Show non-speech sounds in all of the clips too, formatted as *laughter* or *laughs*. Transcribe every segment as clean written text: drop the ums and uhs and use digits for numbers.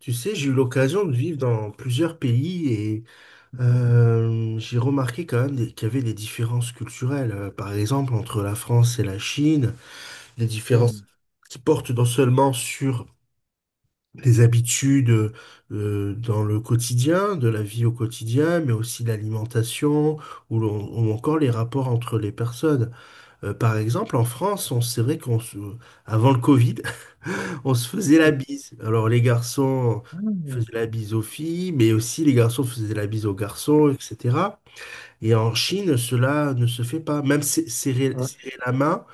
Tu sais, j'ai eu l'occasion de vivre dans plusieurs pays et j'ai remarqué quand même qu'il y avait des différences culturelles. Par exemple, entre la France et la Chine, des différences Hum, qui portent non seulement sur les habitudes dans le quotidien, de la vie au quotidien, mais aussi l'alimentation ou, ou encore les rapports entre les personnes. Par exemple, en France, on c'est vrai avant le Covid, on se faisait la hum, bise. Alors les garçons faisaient hum, la bise aux filles, mais aussi les garçons faisaient la bise aux garçons, etc. Et en Chine, cela ne se fait pas. Même ouais, serrer la main,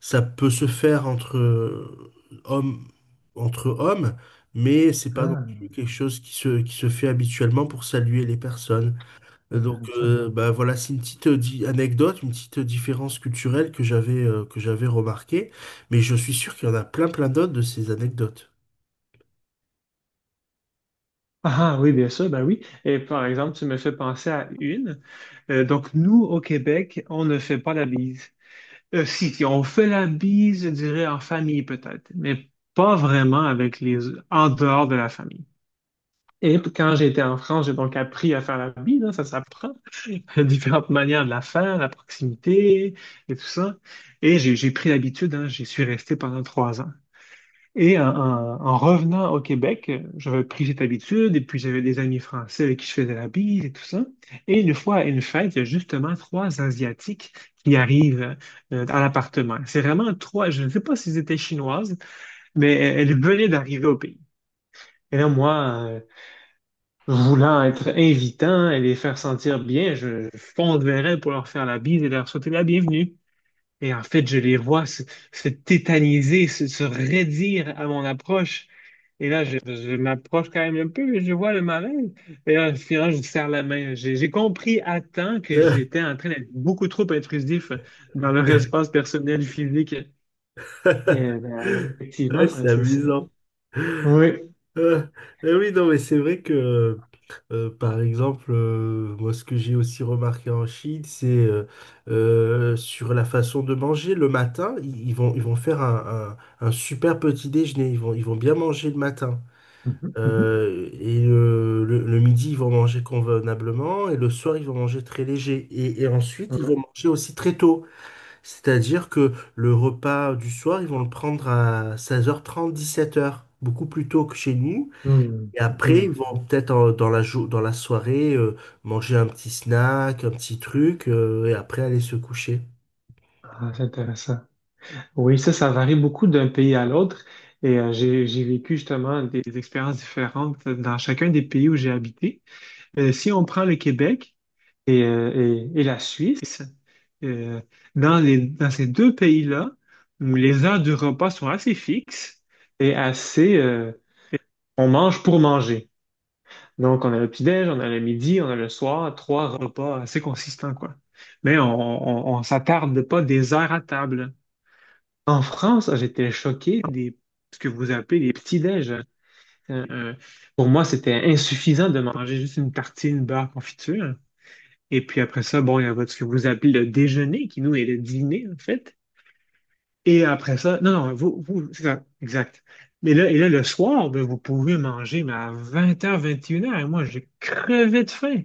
ça peut se faire entre hommes, entre hommes, mais c'est pas non ah, plus quelque chose qui se fait habituellement pour saluer les personnes. Euh, Donc intéressant. euh, bah voilà, c'est une petite anecdote, une petite différence culturelle que j'avais remarquée, mais je suis sûr qu'il y en a plein plein d'autres de ces anecdotes. Ah, ah, oui, bien sûr, ben oui. Et par exemple, tu me fais penser à une. Donc, nous, au Québec, on ne fait pas la bise. Si, si, on fait la bise, je dirais, en famille peut-être, mais pas vraiment avec les, en dehors de la famille. Et quand j'étais en France, j'ai donc appris à faire la bise, hein, ça s'apprend. *laughs* Différentes manières de la faire, la proximité et tout ça. Et j'ai pris l'habitude, hein, j'y suis resté pendant 3 ans. Et en revenant au Québec, j'avais pris cette habitude, et puis j'avais des amis français avec qui je faisais la bise et tout ça. Et une fois à une fête, il y a justement trois Asiatiques qui arrivent à l'appartement. C'est vraiment trois, je ne sais pas s'ils étaient chinoises, mais elles venaient d'arriver au pays. Et là, moi, voulant être invitant et les faire sentir bien, je fonds de verre pour leur faire la bise et leur souhaiter la bienvenue. Et en fait, je les vois se tétaniser, se raidir à mon approche. Et là, je m'approche quand même un peu, mais je vois le malaise. Et là, finalement, je serre la main. J'ai compris à temps que Euh, j'étais en train d'être beaucoup trop intrusif dans leur espace personnel physique. Et *laughs* ben, effectivement, Ouais, c'est ça, c'est ça. amusant. Oui. Euh, eh oui, non, mais c'est vrai que par exemple, moi, ce que j'ai aussi remarqué en Chine, c'est sur la façon de manger. Le matin, ils vont faire un super petit déjeuner. Ils vont bien manger le matin. Mhm, mhm, Le midi, ils vont manger convenablement. Et le soir, ils vont manger très léger. Et ensuite, ils vont ouais. manger aussi très tôt. C'est-à-dire que le repas du soir, ils vont le prendre à 16h30, 17h, beaucoup plus tôt que chez nous. Mhm, Et mhm. après, ils vont peut-être dans dans la soirée manger un petit snack, un petit truc, et après aller se coucher. Ah, c'est intéressant. Oui, ça varie beaucoup d'un pays à l'autre. Et j'ai vécu justement des expériences différentes dans chacun des pays où j'ai habité. Si on prend le Québec et, euh, et la Suisse, euh, dans ces deux pays-là, où les heures du repas sont assez fixes et on mange pour manger. Donc, on a le petit-déj, on a le midi, on a le soir, trois repas assez consistants, quoi. Mais on s'attarde pas des heures à table. En France, j'étais choqué des ce que vous appelez les petits-déj. Euh, euh, pour moi, c'était insuffisant de manger juste une tartine beurre confiture. Et puis après ça, bon, il y a ce que vous appelez le déjeuner, qui nous est le dîner, en fait. Et après ça, non, non, vous, c'est ça, exact. Mais là, et là, le soir, ben, vous pouvez manger, mais à 20h, 21h, et une heures, et moi, j'ai crevé de faim.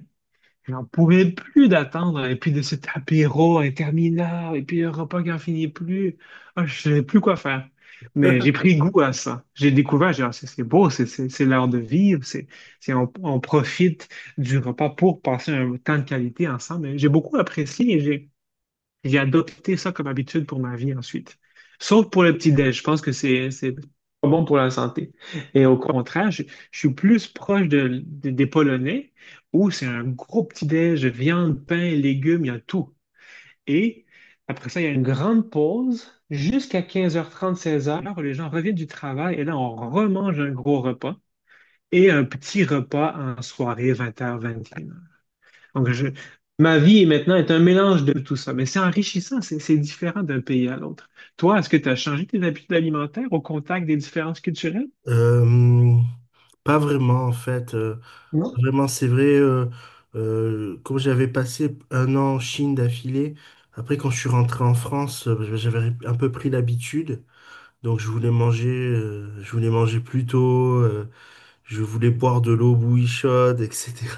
J'en pouvais plus d'attendre, et puis de cet apéro interminable, et puis le repas qui n'en finit plus. Ah, je savais plus quoi faire. Mais j'ai *laughs* pris goût à ça. J'ai découvert, j'ai dit, Ah, c'est beau, c'est l'heure de vivre, on profite du repas pour passer un temps de qualité ensemble. Et j'ai beaucoup apprécié, j'ai adopté ça comme habitude pour ma vie ensuite. Sauf pour le petit-déj. Je pense que c'est pas bon pour la santé. Et au contraire, je suis plus proche des Polonais où c'est un gros petit-déj, viande, pain, légumes, il y a tout. Et après ça, il y a une grande pause jusqu'à 15h30, 16h. Les gens reviennent du travail et là, on remange un gros repas et un petit repas en soirée, 20h vingt et une donc, ma vie maintenant est un mélange de tout ça, mais c'est enrichissant, c'est différent d'un pays à l'autre. Toi, est-ce que tu as changé tes habitudes alimentaires au contact des différences culturelles? Euh, Pas vraiment, en fait. Pas Non? vraiment, C'est vrai, comme j'avais passé un an en Chine d'affilée, après quand je suis rentré en France, bah, j'avais un peu pris l'habitude. Donc je voulais manger plus tôt. Je voulais boire de l'eau bouillie chaude, etc.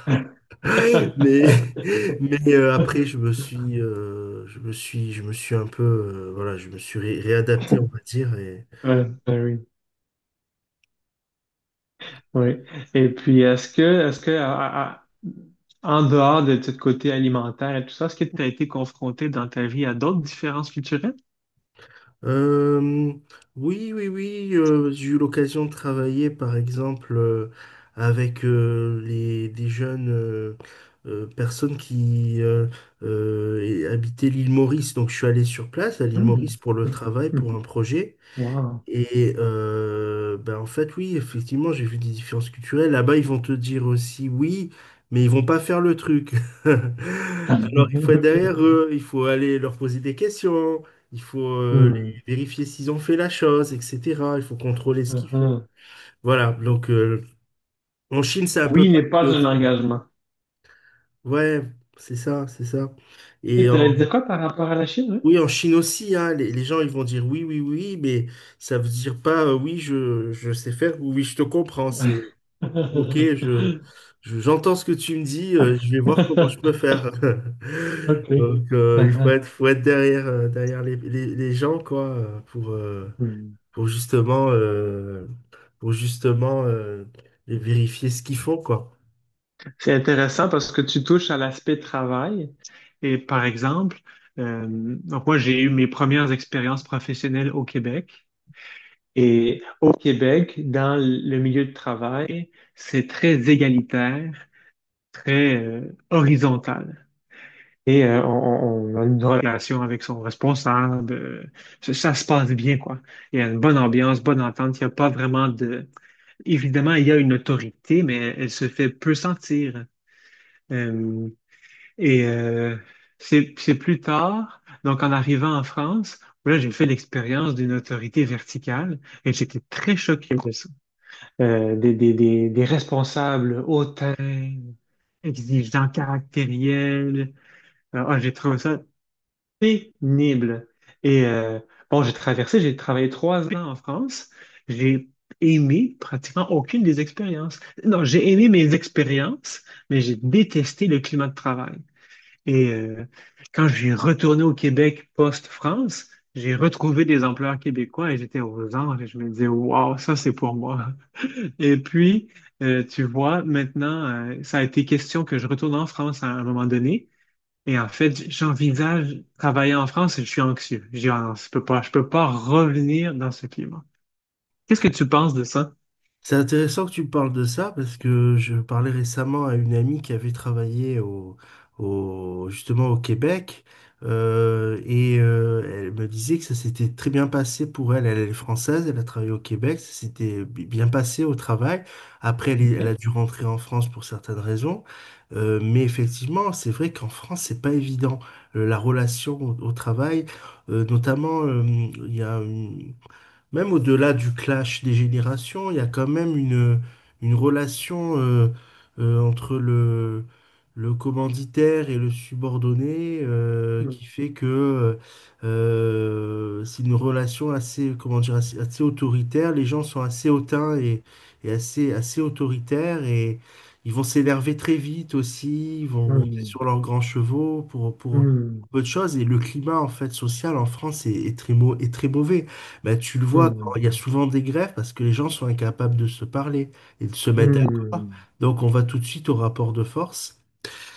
*laughs* Mais, *laughs* mais après, je me suis un peu, voilà, je me suis réadapté, on va dire. Et, Ouais, ben oui. Oui. Et puis, en dehors de ce côté alimentaire et tout ça, est-ce que tu as été confronté dans ta vie à d'autres différences culturelles? Euh, oui, j'ai eu l'occasion de travailler, par exemple, avec des jeunes personnes qui habitaient l'île Maurice. Donc, je suis allé sur place à l'île Hmm. Maurice pour le travail, pour un projet. Wow. Et ben en fait, oui, effectivement, j'ai vu des différences culturelles. Là-bas, ils vont te dire aussi oui, mais ils vont pas faire le truc. *laughs* Alors, il faut être derrière *laughs* eux, il faut aller leur poser des questions, il faut Hmm. vérifier s'ils ont fait la chose, etc. Il faut contrôler ce qu'ils font. Uh-huh. Voilà, en Chine, c'est un peu Oui n'est pareil pas un aussi. engagement. Ouais, c'est ça. Et Et t'allais en- dire quoi par rapport à la Chine, oui, en Chine aussi, hein, les gens, ils vont dire oui, oui, oui, mais ça veut dire pas oui, je sais faire ou oui, je te comprends. oui? Ok, *laughs* j'entends ce que tu me dis, je vais voir comment je peux faire. *laughs* OK. Donc, Ah, il ah. Faut être derrière, derrière les gens, quoi, Hmm. pour justement, euh, pour justement vérifier ce qu'ils font, quoi. C'est intéressant parce que tu touches à l'aspect travail. Et par exemple, donc moi, j'ai eu mes premières expériences professionnelles au Québec. Et au Québec, dans le milieu de travail, c'est très égalitaire, très horizontal. Et on a une relation avec son responsable. Ça, ça se passe bien, quoi. Il y a une bonne ambiance, bonne entente. Il n'y a pas vraiment de. Évidemment, il y a une autorité, mais elle se fait peu sentir. Euh, et c'est plus tard, donc en arrivant en France, là, j'ai fait l'expérience d'une autorité verticale et j'étais très choqué de ça. Des responsables hautains, exigeants, caractériels. Ah, j'ai trouvé ça pénible. Et bon, j'ai traversé, j'ai travaillé 3 ans en France. J'ai aimé pratiquement aucune des expériences. Non, j'ai aimé mes expériences, mais j'ai détesté le climat de travail. Et quand j'ai retourné au Québec post-France, j'ai retrouvé des employeurs québécois et j'étais aux anges et je me disais, waouh, ça c'est pour moi. Et puis, tu vois, maintenant, ça a été question que je retourne en France à un moment donné. Et en fait, j'envisage travailler en France et je suis anxieux. Je dis, ah non, je peux pas revenir dans ce climat. Qu'est-ce que tu penses de ça? C'est intéressant que tu me parles de ça parce que je parlais récemment à une amie qui avait travaillé justement au Québec et elle me disait que ça s'était très bien passé pour elle. Elle est française, elle a travaillé au Québec, ça s'était bien passé au travail. Après, elle a Ok. dû rentrer en France pour certaines raisons. Mais effectivement, c'est vrai qu'en France, c'est pas évident. La relation au travail, notamment, il y a une- même au-delà du clash des générations, il y a quand même une relation entre le commanditaire et le subordonné Hmm, qui fait que c'est une relation assez, comment dire, assez autoritaire. Les gens sont assez hautains et assez autoritaires et ils vont s'énerver très vite aussi, ils vont monter sur leurs grands chevaux pour hmm, peu de choses et le climat en fait social en France est est très mauvais. Bah, tu le vois, quand hmm, il y a souvent des grèves parce que les gens sont incapables de se parler et de se mettre hmm, d'accord. hmm. Donc on va tout de suite au rapport de force.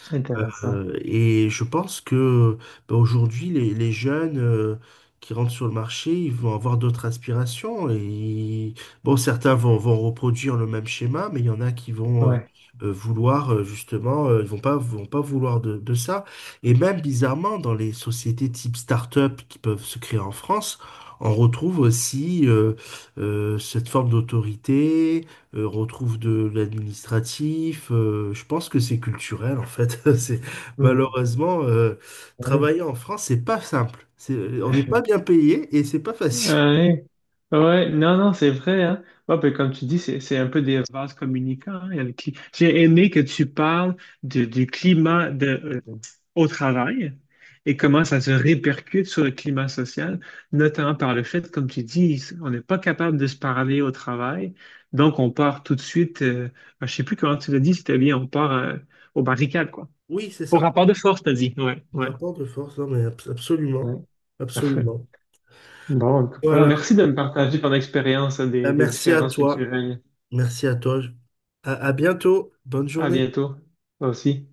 C'est intéressant. Et je pense que ben, aujourd'hui, les jeunes qui rentrent sur le marché, ils vont avoir d'autres aspirations. Et bon, vont reproduire le même schéma, mais il y en a qui vont euh, Ouais. euh, vouloir euh, justement, euh, ils vont pas vouloir de ça. Et même bizarrement, dans les sociétés type start-up qui peuvent se créer en France, on retrouve aussi cette forme d'autorité, on retrouve de l'administratif. Je pense que c'est culturel en fait. *laughs* C'est- Hmm. Malheureusement, euh, Oui. travailler en France, c'est pas simple. On n'est pas bien *laughs* payé et c'est pas *laughs* facile. Ouais. Ouais. Non, non, c'est vrai, hein. Ouais, puis comme tu dis, c'est un peu des vases communicants. Hein, il y a le cli- j'ai aimé que tu parles du climat de, au travail et comment ça se répercute sur le climat social, notamment par le fait, comme tu dis, on n'est pas capable de se parler au travail. Donc, on part tout de suite, ah, je sais plus comment tu l'as dit, si tu bien, on part aux barricades, quoi. Oui, c'est Au ça. rapport de force, t'as dit. Ouais, ouais. Rapport de force, non, mais Ouais, absolument. parfait. Absolument. Bon, en tout cas, Voilà. merci de me partager ton expérience Ben, des merci à différences toi. culturelles. Merci à toi. À bientôt. Bonne À journée. bientôt, toi aussi.